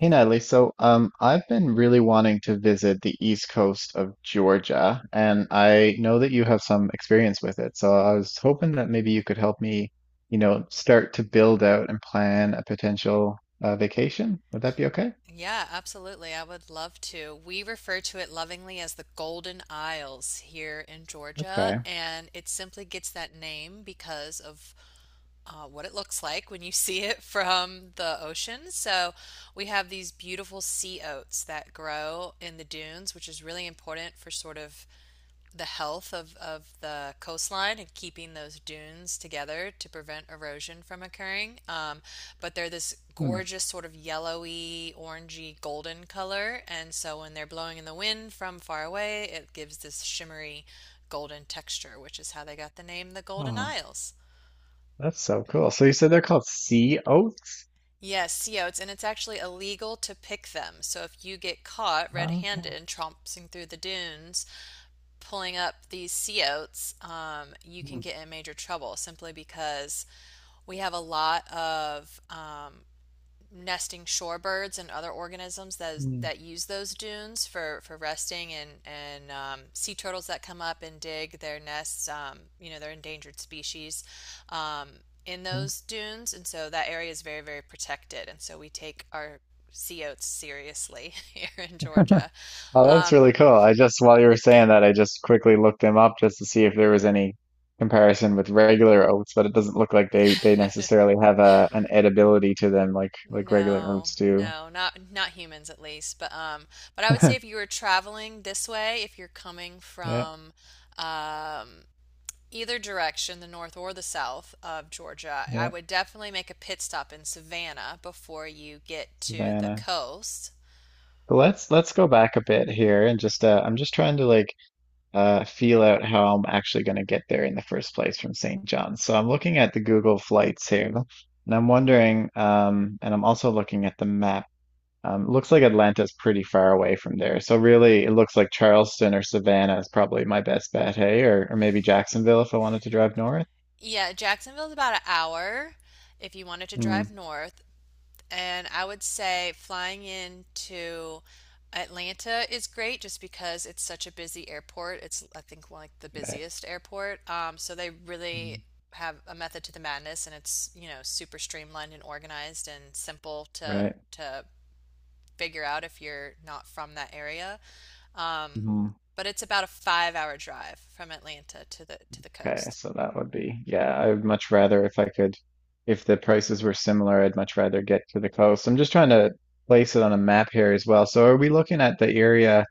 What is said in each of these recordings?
Hey Natalie, so I've been really wanting to visit the east coast of Georgia, and I know that you have some experience with it. So I was hoping that maybe you could help me, start to build out and plan a potential vacation. Would that be okay? Yeah, absolutely. I would love to. We refer to it lovingly as the Golden Isles here in Georgia, Okay. and it simply gets that name because of what it looks like when you see it from the ocean. So we have these beautiful sea oats that grow in the dunes, which is really important for sort of the health of the coastline and keeping those dunes together to prevent erosion from occurring. But they're this Hmm. gorgeous sort of yellowy, orangey, golden color. And so when they're blowing in the wind from far away, it gives this shimmery golden texture, which is how they got the name the Golden Oh, Isles. that's so cool. So you said they're called sea oats? Yes, sea oats, and it's actually illegal to pick them. So if you get caught Oh, red-handed tromping through the dunes, pulling up these sea oats, you can okay. get in major trouble simply because we have a lot of nesting shorebirds and other organisms that Hmm. that use those dunes for resting and sea turtles that come up and dig their nests. You know, they're endangered species. Um, in Hmm. those dunes, and so that area is very, very protected. And so we take our sea oats seriously here in Georgia. Oh, that's Um, really cool. I just, while you were saying that, I just quickly looked them up just to see if there was any comparison with regular oats, but it doesn't look like they necessarily have a an edibility to them like regular no, oats do. no, not not humans at least. But I would say if you were traveling this way, if you're coming Yeah, from um either direction, the north or the south of Georgia, I yeah, would definitely make a pit stop in Savannah before you get to the Savannah. coast. But let's go back a bit here and just I'm just trying to like feel out how I'm actually going to get there in the first place from St. John's. So I'm looking at the Google flights here, and I'm wondering, and I'm also looking at the map. Looks like Atlanta's pretty far away from there. So really, it looks like Charleston or Savannah is probably my best bet, hey? Or maybe Jacksonville if I wanted to drive north. Yeah, Jacksonville's about an hour if you wanted to drive Hmm. north. And I would say flying into Atlanta is great just because it's such a busy airport. It's, I think, like the Right. busiest airport. So they really Mm. have a method to the madness, and it's, you know, super streamlined and organized and simple to Right. to figure out if you're not from that area. Um, Hmm. but it's about a 5 hour drive from Atlanta to the Okay. coast. So that would be, yeah, I would much rather if I could, if the prices were similar, I'd much rather get to the coast. I'm just trying to place it on a map here as well. So are we looking at the area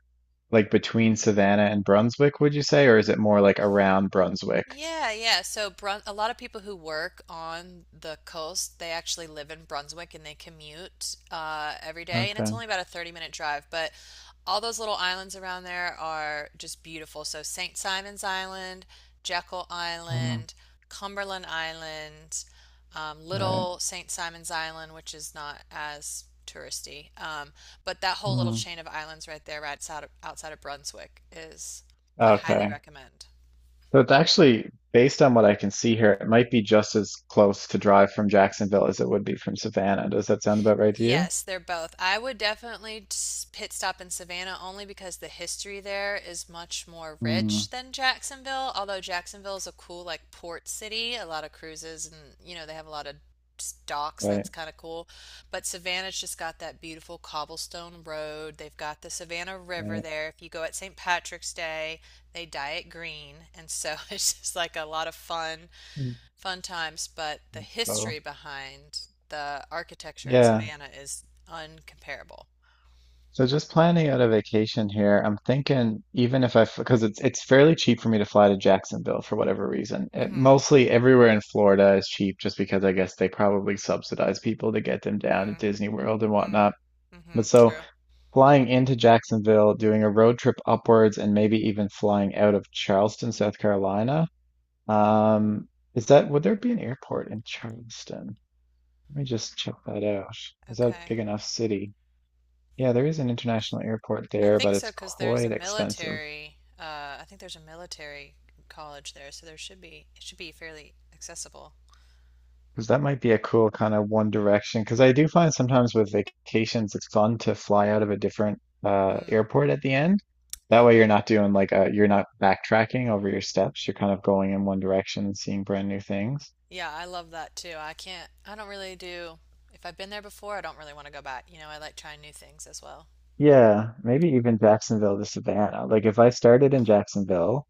like between Savannah and Brunswick, would you say? Or is it more like around Brunswick? Yeah, yeah. So Brun a lot of people who work on the coast, they actually live in Brunswick and they commute every day, and it's Okay. only about a 30-minute drive, but all those little islands around there are just beautiful. So St. Simon's Island, Jekyll Mm. Island, Cumberland Island, Right. Little St. Simon's Island, which is not as touristy, but that whole little Mm. chain of islands right there, right outside of Brunswick, is I highly Okay. recommend. So it's actually, based on what I can see here, it might be just as close to drive from Jacksonville as it would be from Savannah. Does that sound about right to you? Yes, they're both. I would definitely s- pit stop in Savannah only because the history there is much more Hmm. rich than Jacksonville, although Jacksonville is a cool like port city, a lot of cruises and you know they have a lot of s- docks Right, that's kind of cool. But Savannah's just got that beautiful cobblestone road. They've got the Savannah River right. there. If you go at St. Patrick's Day, they dye it green, and so it's just like a lot of fun Mm. fun times, but the That's history total. behind the architecture in Yeah. Savannah is uncomparable. So just planning out a vacation here, I'm thinking even if I, because it's fairly cheap for me to fly to Jacksonville for whatever reason. It, Mm-hmm. mostly everywhere in Florida is cheap just because I guess they probably subsidize people to get them down to Mm, Disney World and mm, whatnot. mm-hmm. But so True. flying into Jacksonville, doing a road trip upwards, and maybe even flying out of Charleston, South Carolina. Um, would there be an airport in Charleston? Let me just check that out. Is that a Okay. big enough city? Yeah, there is an international airport I there, but think so it's because there's a quite expensive. military, I think there's a military college there, so there should be, it should be fairly accessible. Because that might be a cool kind of one direction. Because I do find sometimes with vacations, it's fun to fly out of a different Mm. airport at the end. That way, you're not doing you're not backtracking over your steps. You're kind of going in one direction and seeing brand new things. Yeah, I love that too. I can't, I don't really do, if I've been there before, I don't really want to go back. You know, I like trying new things as well. Yeah, maybe even Jacksonville to Savannah. Like if I started in Jacksonville,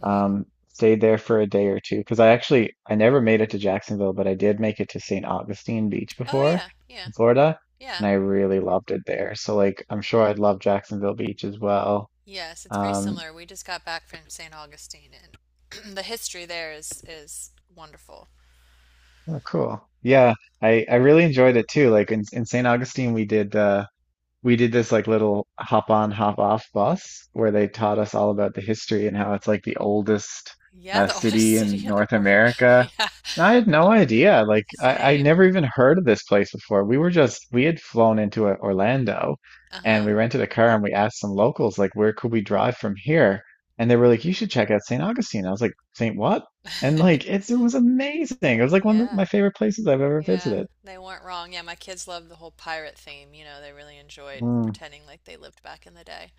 Mm-hmm. Stayed there for a day or two, because I actually I never made it to Jacksonville, but I did make it to St. Augustine Beach Oh, before yeah, yeah, in Florida, yeah. and I really loved it there. So like I'm sure I'd love Jacksonville Beach as well. Yes, it's very Um, similar. We just got back from St. Augustine, and the history there is wonderful. oh, cool. Yeah, I really enjoyed it too. Like in St. Augustine we did this like little hop on hop off bus where they taught us all about the history and how it's like the oldest Yeah, the oldest city in city in the North world. America. Yeah, And I had no idea. Like I same. never even heard of this place before. We were just we had flown into Orlando and Uh-huh. we rented a car and we asked some locals like where could we drive from here? And they were like, you should check out St. Augustine. I was like, St. what? And like it was amazing. It was like one of Yeah, my favorite places I've ever yeah. visited. They weren't wrong. Yeah, my kids loved the whole pirate theme. You know, they really enjoyed Mm. pretending like they lived back in the day.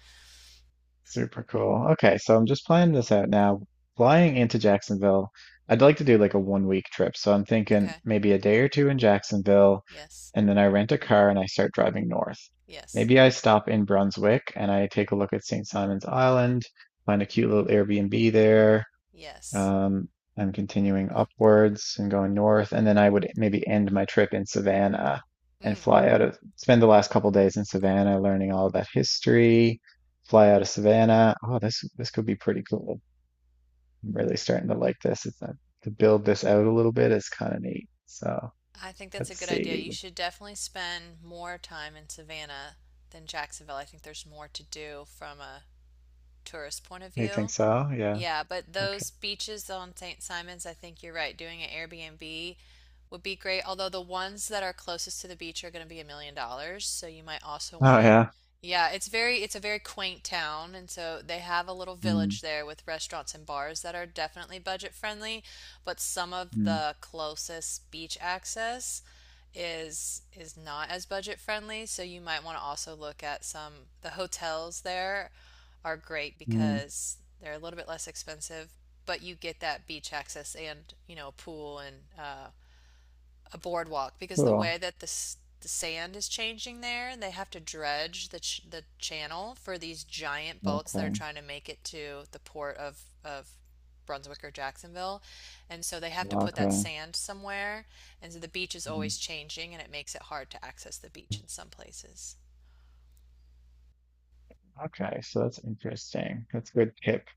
Super cool. Okay, so I'm just planning this out now. Flying into Jacksonville, I'd like to do like a one week trip. So I'm thinking Okay. maybe a day or two in Jacksonville, Yes. and then I rent a car and I start driving north. Yes. Maybe I stop in Brunswick and I take a look at St. Simon's Island, find a cute little Airbnb there, Yes. um, am continuing upwards and going north. And then I would maybe end my trip in Savannah and Mm. Spend the last couple days in Savannah learning all about history, fly out of Savannah. Oh, this could be pretty cool. I'm really starting to like this. It's not, to build this out a little bit is kind of neat. So I think that's a let's good idea. see. You should definitely spend more time in Savannah than Jacksonville. I think there's more to do from a tourist point of You think view. so? Yeah. Yeah, but Okay. those beaches on St. Simon's, I think you're right. Doing an Airbnb would be great. Although the ones that are closest to the beach are going to be $1 million, so you might also want Oh to. yeah. Yeah, it's very it's a very quaint town, and so they have a little Mm, village there with restaurants and bars that are definitely budget friendly, but some of mm, the closest beach access is not as budget friendly, so you might want to also look at some the hotels there are great mm. because they're a little bit less expensive, but you get that beach access and, you know, a pool and a boardwalk because the way Cool. that the sand is changing there, they have to dredge the ch the channel for these giant boats that are Okay. trying to make it to the port of Brunswick or Jacksonville. And so they have to put that Okay. sand somewhere. And so the beach is Mm. always changing and it makes it hard to access the beach in some places. Okay. So that's interesting. That's a good tip.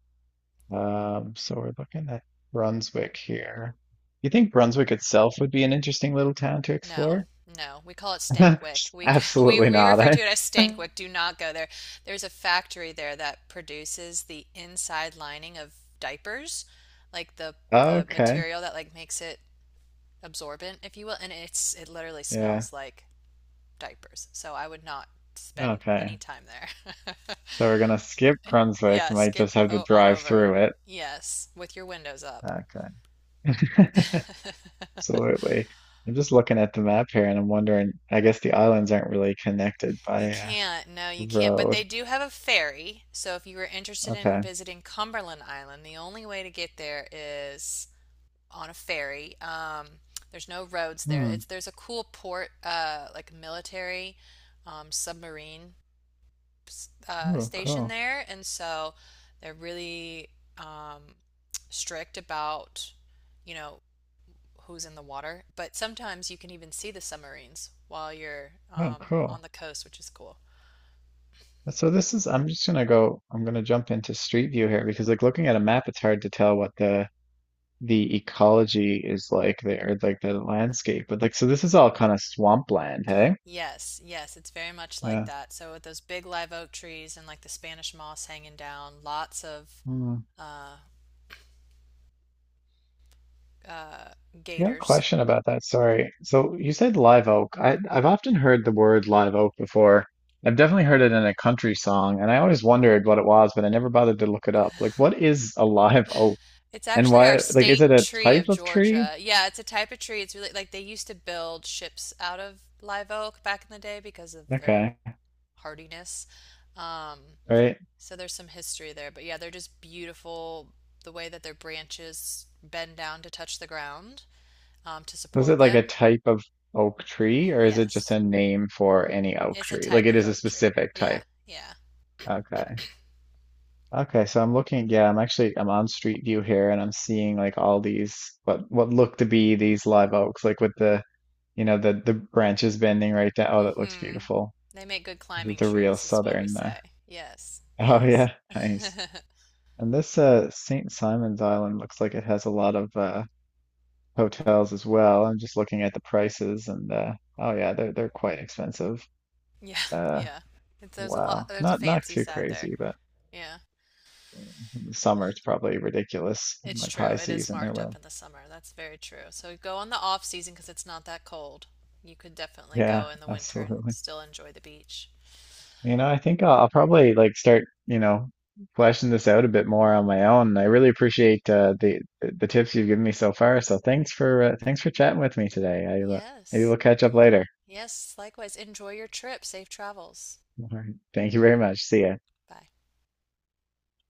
So we're looking at Brunswick here. You think Brunswick itself would be an interesting little town to No, explore? no. We call it Stankwik. We c- we Absolutely we not, refer eh? to it as Stankwik. Do not go there. There's a factory there that produces the inside lining of diapers, like the Okay. material that like makes it absorbent, if you will, and it's it literally Yeah. smells like diapers. So I would not spend any Okay. time there. So we're gonna skip Brunswick. Yeah, Might skip just have to o on drive over it. through it. Yes, with your windows up. Okay. Absolutely. I'm just looking at the map here, and I'm wondering. I guess the islands aren't really connected by You a can't. No, you can't. But they road. do have a ferry. So if you were interested in Okay. visiting Cumberland Island, the only way to get there is on a ferry. There's no roads there. It's Hmm. there's a cool port, like military submarine Oh, station cool. there, and so they're really um, strict about, you know, who's in the water. But sometimes you can even see the submarines while you're Oh, on cool. the coast, which is cool. So this is, I'm just gonna go, I'm gonna jump into Street View here because like looking at a map, it's hard to tell what the ecology is like there, like the landscape. But like, so this is all kind of swampland, hey? Yes, yes, it's very much like Yeah. that. So with those big live oak trees and like the Spanish moss hanging down, lots of Hmm. uh, uh, I got a gators. question about that. Sorry. So you said live oak. I've often heard the word live oak before. I've definitely heard it in a country song, and I always wondered what it was, but I never bothered to look it up. Like, what is a live oak? It's And actually our why, like, is it state a tree type of of tree? Georgia. Yeah, it's a type of tree. It's really like they used to build ships out of live oak back in the day because of their Okay, hardiness. Um, right. so there's some history there, but yeah, they're just beautiful. The way that their branches bend down to touch the ground to Was support it like a them. type of oak tree, or is it just Yes. a name for any oak It's a tree? Like type it of is a oak tree. specific Yeah, type. yeah. Okay. Okay, so I'm looking, yeah, I'm actually I'm on Street View here and I'm seeing like all these what look to be these live oaks, like with the you know the branches bending right down. Oh, that looks Mm-hmm. beautiful. They make good This is climbing the real trees, is what we southern say. Yes, oh yes. yeah, nice. And this St. Simon's Island looks like it has a lot of hotels as well. I'm just looking at the prices and oh yeah, they're quite expensive. Yeah, Uh yeah. It's, there's a lot, Wow. there's a Not fancy too side there. crazy, but Yeah, in the summer it's probably ridiculous. it's Like true. high It is season there marked up will. in the summer. That's very true. So go on the off season because it's not that cold. You could definitely go Yeah, in the winter and absolutely. still enjoy the beach. I think I'll probably like start fleshing this out a bit more on my own. I really appreciate the tips you've given me so far. So thanks for chatting with me today. I Maybe Yes, we'll catch up later. yes. Likewise, enjoy your trip. Safe travels. All right. Thank you very much. See ya. Bye.